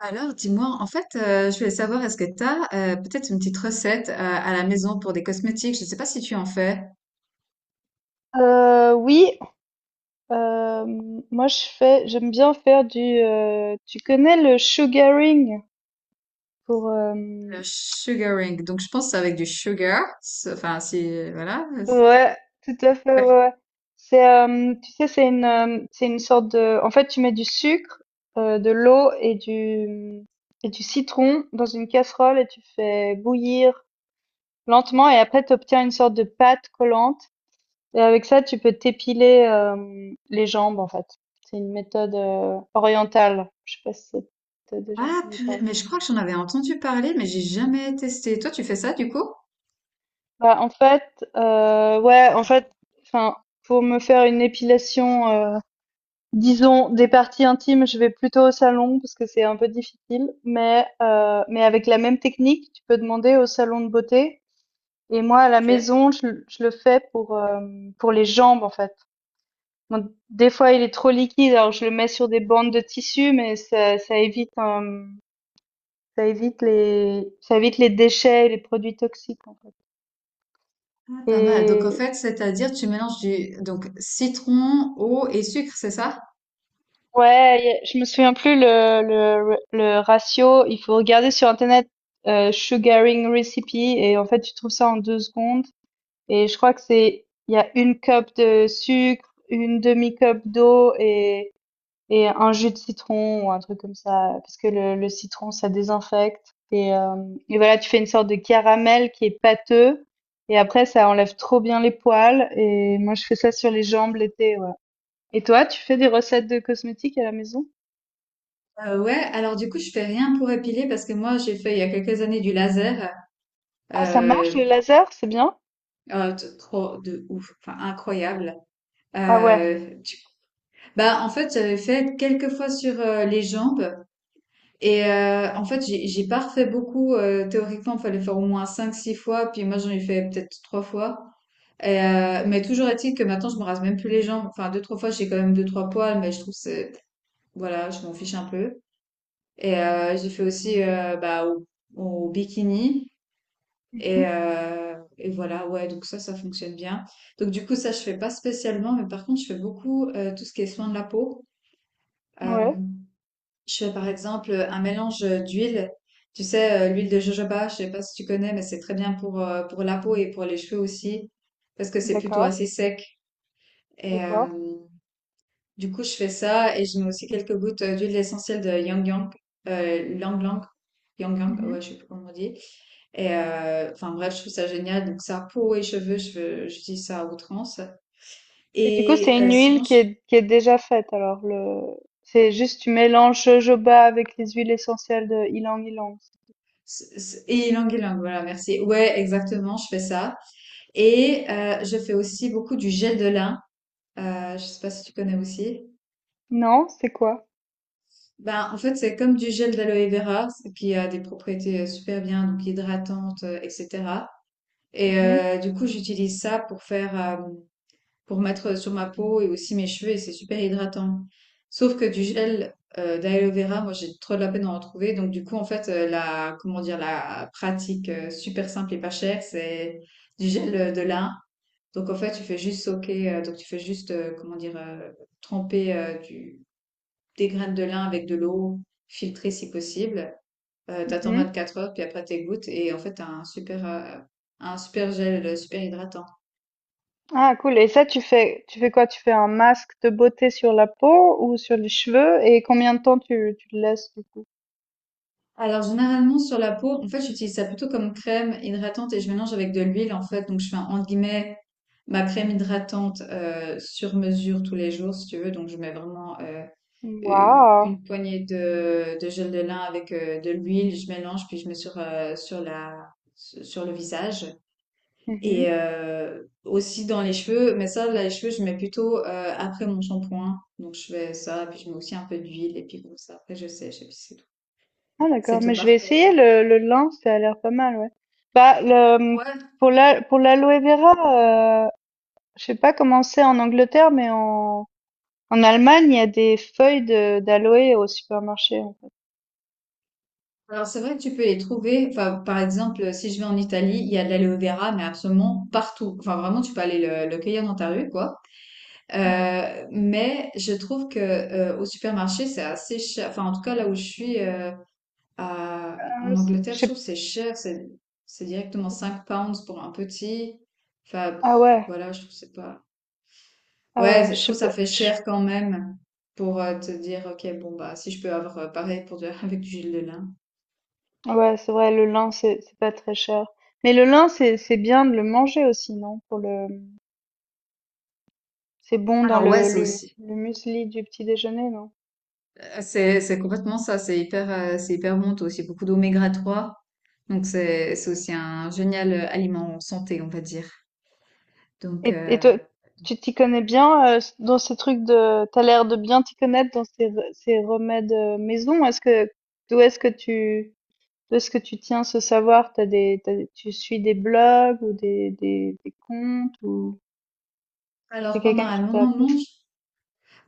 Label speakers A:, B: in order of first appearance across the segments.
A: Alors, dis-moi, en fait, je voulais savoir, est-ce que tu as peut-être une petite recette à la maison pour des cosmétiques? Je ne sais pas si tu en fais.
B: Oui, euh, moi je fais, j'aime bien faire du. Tu connais le sugaring pour.
A: Le sugaring. Donc, je pense que c'est avec du sugar. Enfin, si, voilà.
B: Ouais, tout à fait. Ouais, ouais. C'est, tu sais, c'est une sorte de. En fait, tu mets du sucre, de l'eau et du citron dans une casserole et tu fais bouillir lentement, et après tu obtiens une sorte de pâte collante. Et avec ça, tu peux t'épiler les jambes, en fait. C'est une méthode orientale. Je sais pas si t'as déjà
A: Ah,
B: entendu
A: purée,
B: parler.
A: mais je crois que j'en avais entendu parler, mais j'ai jamais testé. Toi, tu fais ça, du coup?
B: Bah, en fait, ouais, en fait, enfin, pour me faire une épilation, disons des parties intimes, je vais plutôt au salon parce que c'est un peu difficile. Mais avec la même technique, tu peux demander au salon de beauté. Et moi, à la
A: Ok.
B: maison, je le fais pour les jambes, en fait. Bon, des fois, il est trop liquide, alors je le mets sur des bandes de tissu, mais ça évite les déchets et les produits toxiques, en fait.
A: Ah, pas mal. Donc, en
B: Et
A: fait, c'est-à-dire, tu mélanges du, donc, citron, eau et sucre, c'est ça?
B: ouais, je me souviens plus le ratio. Il faut regarder sur Internet, sugaring recipe, et en fait, tu trouves ça en 2 secondes. Et je crois il y a une cup de sucre, une demi-cup d'eau et un jus de citron ou un truc comme ça, parce que le citron, ça désinfecte. Et voilà, tu fais une sorte de caramel qui est pâteux. Et après, ça enlève trop bien les poils. Et moi, je fais ça sur les jambes l'été. Ouais. Et toi, tu fais des recettes de cosmétiques à la maison?
A: Ouais, alors du coup, je fais rien pour épiler parce que moi, j'ai fait il y a quelques années du laser.
B: Ah, ça marche
A: Euh,
B: le laser, c'est bien?
A: oh, trop de ouf, enfin incroyable.
B: Ah ouais.
A: Euh, tu- Bah, en fait, j'avais fait quelques fois sur les jambes. Et en fait, j'ai pas refait beaucoup. Théoriquement, il fallait faire au moins cinq six fois. Puis moi, j'en ai fait peut-être 3 fois. Et, mais toujours est-il que maintenant, je me rase même plus les jambes. Enfin, deux trois fois, j'ai quand même deux trois poils, mais je trouve que c'est. Voilà, je m'en fiche un peu. Et j'ai fait aussi bah, au bikini.
B: Mhm.
A: Et voilà, ouais, donc ça fonctionne bien. Donc du coup, ça, je fais pas spécialement. Mais par contre, je fais beaucoup tout ce qui est soin de la peau. Euh,
B: Ouais,
A: je fais par exemple un mélange d'huile. Tu sais, l'huile de jojoba, je sais pas si tu connais, mais c'est très bien pour la peau et pour les cheveux aussi, parce que c'est plutôt
B: d'accord,
A: assez sec. Et
B: d'accord.
A: du coup, je fais ça et je mets aussi quelques gouttes d'huile essentielle de Yang Yang, Lang Lang, Yang Yang,
B: Mhm.
A: ouais, je sais plus comment on dit. Et enfin bref, je trouve ça génial. Donc ça, peau et cheveux, j'utilise ça à outrance.
B: Et du coup,
A: Et
B: c'est une huile
A: sinon, je-
B: qui est déjà faite. Alors, le... C'est juste tu mélanges jojoba avec les huiles essentielles de ylang ylang.
A: c- c- et ylang ylang, voilà, merci. Ouais, exactement, je fais ça. Et je fais aussi beaucoup du gel de lin. Je sais pas si tu connais aussi.
B: Non, c'est quoi?
A: Ben, en fait, c'est comme du gel d'aloe vera qui a des propriétés super bien, donc hydratantes, etc. Et
B: Mmh mh.
A: du coup, j'utilise ça pour mettre sur ma peau et aussi mes cheveux, et c'est super hydratant. Sauf que du gel d'aloe vera, moi, j'ai trop de la peine d'en retrouver. Donc, du coup, en fait, comment dire, la pratique super simple et pas chère, c'est du gel de lin. Donc en fait, tu fais juste, comment dire, tremper des graines de lin avec de l'eau, filtrée si possible. T'attends
B: Mmh.
A: 24 heures, puis après t'égouttes, et en fait, t'as un super gel, super hydratant.
B: Ah cool, et ça, tu fais quoi? Tu fais un masque de beauté sur la peau ou sur les cheveux, et combien de temps tu le laisses du coup?
A: Alors généralement sur la peau, en fait, j'utilise ça plutôt comme crème hydratante et je mélange avec de l'huile en fait. Donc je fais entre guillemets ma crème hydratante sur mesure tous les jours si tu veux. Donc je mets vraiment
B: Waouh!
A: une poignée de gel de lin avec de l'huile, je mélange puis je mets sur le visage. Et
B: Mmh.
A: aussi dans les cheveux, mais ça, là, les cheveux, je mets plutôt après mon shampoing. Donc je fais ça, puis je mets aussi un peu d'huile, et puis comme ça, après je sèche, et puis c'est tout.
B: Ah
A: C'est
B: d'accord, mais
A: tout
B: je vais
A: parfait,
B: essayer
A: quoi.
B: le lin, ça a l'air pas mal, ouais. Bah,
A: Ouais,
B: pour l'aloe vera, je sais pas comment c'est en Angleterre, mais en Allemagne, il y a des feuilles de d'aloe au supermarché.
A: alors c'est vrai que tu peux les trouver. Enfin, par exemple, si je vais en Italie, il y a de l'aloe vera, mais absolument partout. Enfin, vraiment, tu peux aller le cueillir dans ta rue, quoi.
B: Ouais,
A: Mais je trouve que au supermarché, c'est assez cher. Enfin, en tout cas, là où je suis
B: ah ouais,
A: en
B: c'est je
A: Angleterre, je trouve
B: sais,
A: que c'est cher. C'est directement 5 pounds pour un petit. Enfin, pff,
B: ah ouais,
A: voilà, je trouve que c'est pas. Ouais,
B: ah ouais, je
A: je trouve
B: sais
A: que ça
B: pas.
A: fait cher quand même pour te dire, ok, bon, bah, si je peux avoir pareil pour avec du gel de lin.
B: Ouais, c'est vrai, le lin, c'est pas très cher. Mais le lin, c'est bien de le manger aussi, non? C'est bon dans
A: Alors, ouais, c'est aussi.
B: le muesli du petit déjeuner, non?
A: C'est complètement ça. C'est hyper bon. T'as aussi beaucoup d'oméga-3. Donc, c'est aussi un génial aliment santé, on va dire. Donc,
B: Et
A: euh,
B: toi, tu t'y connais bien, dans ces trucs de, t'as l'air de bien t'y connaître dans ces remèdes maison. D'où est-ce que tu, D'où est-ce que tu tiens ce savoir? Tu suis des blogs ou des comptes, ou c'est
A: Alors pendant
B: quelqu'un qui
A: un long
B: t'a appris?
A: moment, je-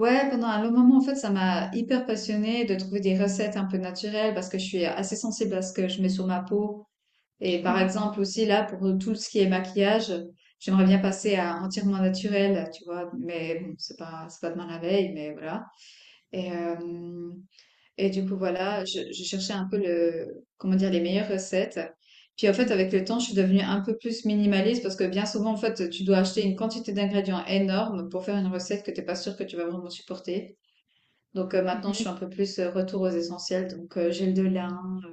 A: Ouais, pendant un long moment, en fait, ça m'a hyper passionnée de trouver des recettes un peu naturelles parce que je suis assez sensible à ce que je mets sur ma peau. Et par
B: Mhm,
A: exemple aussi là, pour tout ce qui est maquillage, j'aimerais bien passer à entièrement naturel, tu vois. Mais bon, c'est pas demain la veille, mais voilà. Et, euh, Et du coup, voilà, je cherchais un peu comment dire, les meilleures recettes. Puis en fait,
B: mhm,
A: avec le temps, je suis devenue un peu plus minimaliste parce que bien souvent, en fait, tu dois acheter une quantité d'ingrédients énorme pour faire une recette que t'es pas sûr que tu vas vraiment supporter. Donc maintenant, je suis un
B: mhm.
A: peu plus retour aux essentiels. Donc gel de lin,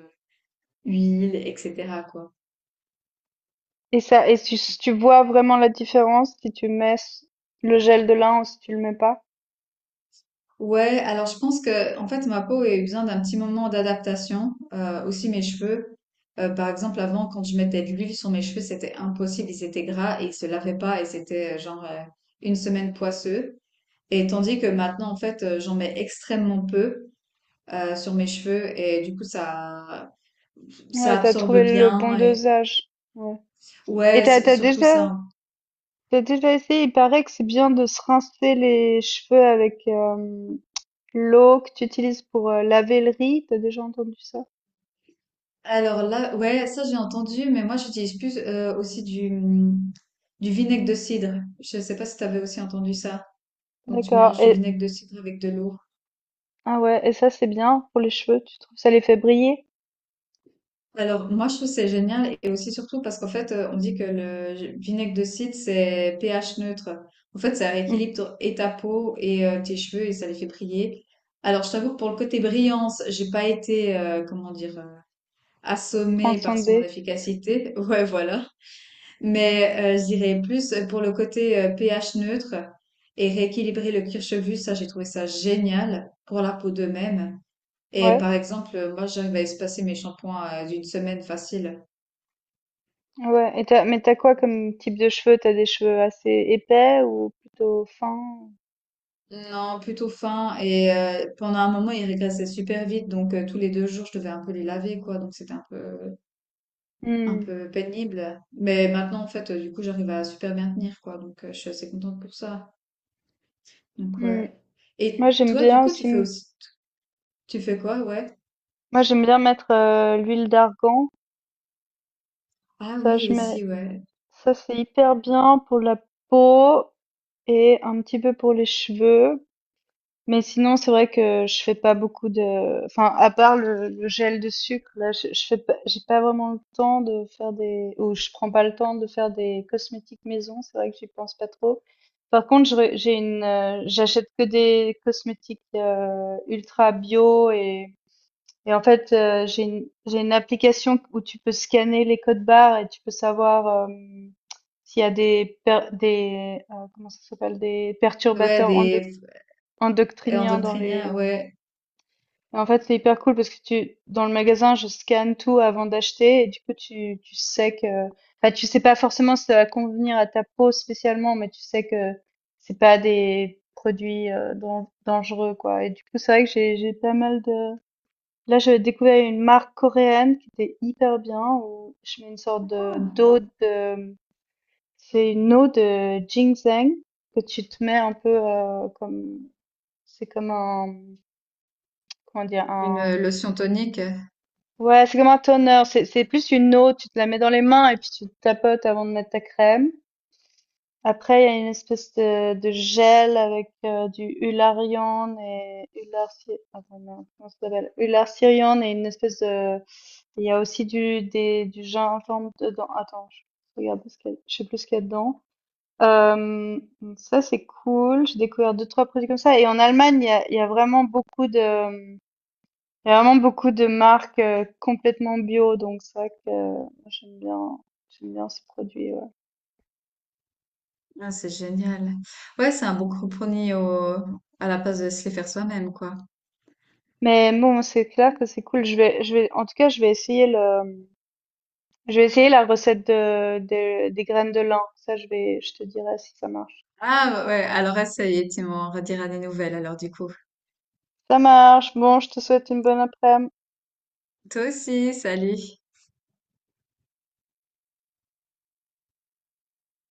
A: huile, etc., quoi.
B: Tu vois vraiment la différence si tu le gel de lin, ou si tu le mets pas?
A: Ouais, alors je pense que en fait ma peau a eu besoin d'un petit moment d'adaptation, aussi mes cheveux. Par exemple, avant, quand je mettais de l'huile sur mes cheveux, c'était impossible, ils étaient gras et ils se lavaient pas et c'était genre une semaine poisseux. Et tandis que maintenant, en fait, j'en mets extrêmement peu sur mes cheveux et du coup ça
B: Ouais,
A: ça
B: t'as
A: absorbe
B: trouvé le bon
A: bien et
B: dosage. Ouais. Et
A: ouais,
B: t'as, t'as
A: surtout ça,
B: déjà,
A: hein.
B: T'as déjà essayé, il paraît que c'est bien de se rincer les cheveux avec l'eau que tu utilises pour laver le riz. T'as déjà entendu ça?
A: Alors là, ouais, ça j'ai entendu, mais moi j'utilise plus aussi du vinaigre de cidre. Je sais pas si tu avais aussi entendu ça. Donc tu
B: D'accord.
A: mélanges du vinaigre de cidre avec de l'eau.
B: Ah ouais, et ça c'est bien pour les cheveux, tu trouves? Ça les fait briller?
A: Alors moi je trouve c'est génial et aussi surtout parce qu'en fait on dit que le vinaigre de cidre c'est pH neutre. En fait ça
B: Hmm.
A: rééquilibre et ta peau et tes cheveux et ça les fait briller. Alors je t'avoue que pour le côté brillance, j'ai pas été comment dire assommée par
B: Transcender.
A: son efficacité. Ouais voilà. Mais je dirais plus pour le côté pH neutre et rééquilibrer le cuir chevelu, ça j'ai trouvé ça génial pour la peau de même. Et
B: Ouais.
A: par exemple, moi j'arrive à espacer mes shampoings d'une semaine facile.
B: Ouais. Mais t'as quoi comme type de cheveux? T'as des cheveux assez épais ou plutôt fins?
A: Non, plutôt fin et pendant un moment ils régressaient super vite donc tous les 2 jours je devais un peu les laver quoi donc c'était un peu un
B: Mmh,
A: peu pénible. Mais maintenant en fait du coup j'arrive à super bien tenir quoi donc je suis assez contente pour ça. Donc
B: mmh.
A: ouais.
B: Moi
A: Et
B: j'aime
A: toi du
B: bien
A: coup
B: aussi m-
A: tu fais quoi, ouais?
B: Moi j'aime bien mettre l'huile d'argan.
A: Ah
B: Ça
A: oui,
B: je mets
A: aussi, ouais.
B: Ça c'est hyper bien pour la peau et un petit peu pour les cheveux. Mais sinon c'est vrai que je fais pas beaucoup de, enfin, à part le gel de sucre, là je fais pas, j'ai pas vraiment le temps de faire des ou je prends pas le temps de faire des cosmétiques maison, c'est vrai que j'y pense pas trop. Par contre, j'achète que des cosmétiques ultra bio. Et en fait, j'ai une application où tu peux scanner les codes barres et tu peux savoir, s'il y a des comment ça s'appelle? Des
A: Ouais,
B: perturbateurs
A: des et
B: endocriniens dans
A: endoctriniens,
B: les...
A: ouais.
B: Et en fait, c'est hyper cool parce que tu dans le magasin, je scanne tout avant d'acheter, et du coup, tu sais que, enfin, tu sais pas forcément si ça va convenir à ta peau spécialement, mais tu sais que c'est pas des produits, dangereux, quoi. Et du coup, c'est vrai que j'ai pas mal de... Là, j'avais découvert une marque coréenne qui était hyper bien, où je mets une sorte de
A: Ah,
B: d'eau de... c'est une eau de ginseng que tu te mets un peu, comme, c'est comme un, comment dire,
A: une
B: un...
A: lotion tonique.
B: ouais, c'est comme un toner. C'est plus une eau, tu te la mets dans les mains et puis tu te tapotes avant de mettre ta crème. Après, il y a une espèce de gel avec du Hularion et Hular, attends, non, comment ça s'appelle? Ularsirion, et une espèce de... il y a aussi du gingembre dedans. Attends, je regarde ce qu'il y a- je sais plus ce qu'il y a dedans. Euh, Ça, c'est cool. J'ai découvert deux, trois produits comme ça. Et en Allemagne, il y a vraiment beaucoup de marques complètement bio. Donc, c'est vrai que, moi, j'aime bien ce produit. Ouais.
A: Ah, c'est génial. Ouais, c'est un bon compromis à la place de se les faire soi-même, quoi.
B: Mais bon, c'est clair que c'est cool. En tout cas, je vais essayer la recette des graines de lin. Ça, je te dirai si ça marche.
A: Ah ouais, alors essaye et tu m'en rediras des nouvelles, alors du coup.
B: Ça marche. Bon, je te souhaite une bonne après-midi.
A: Toi aussi, salut.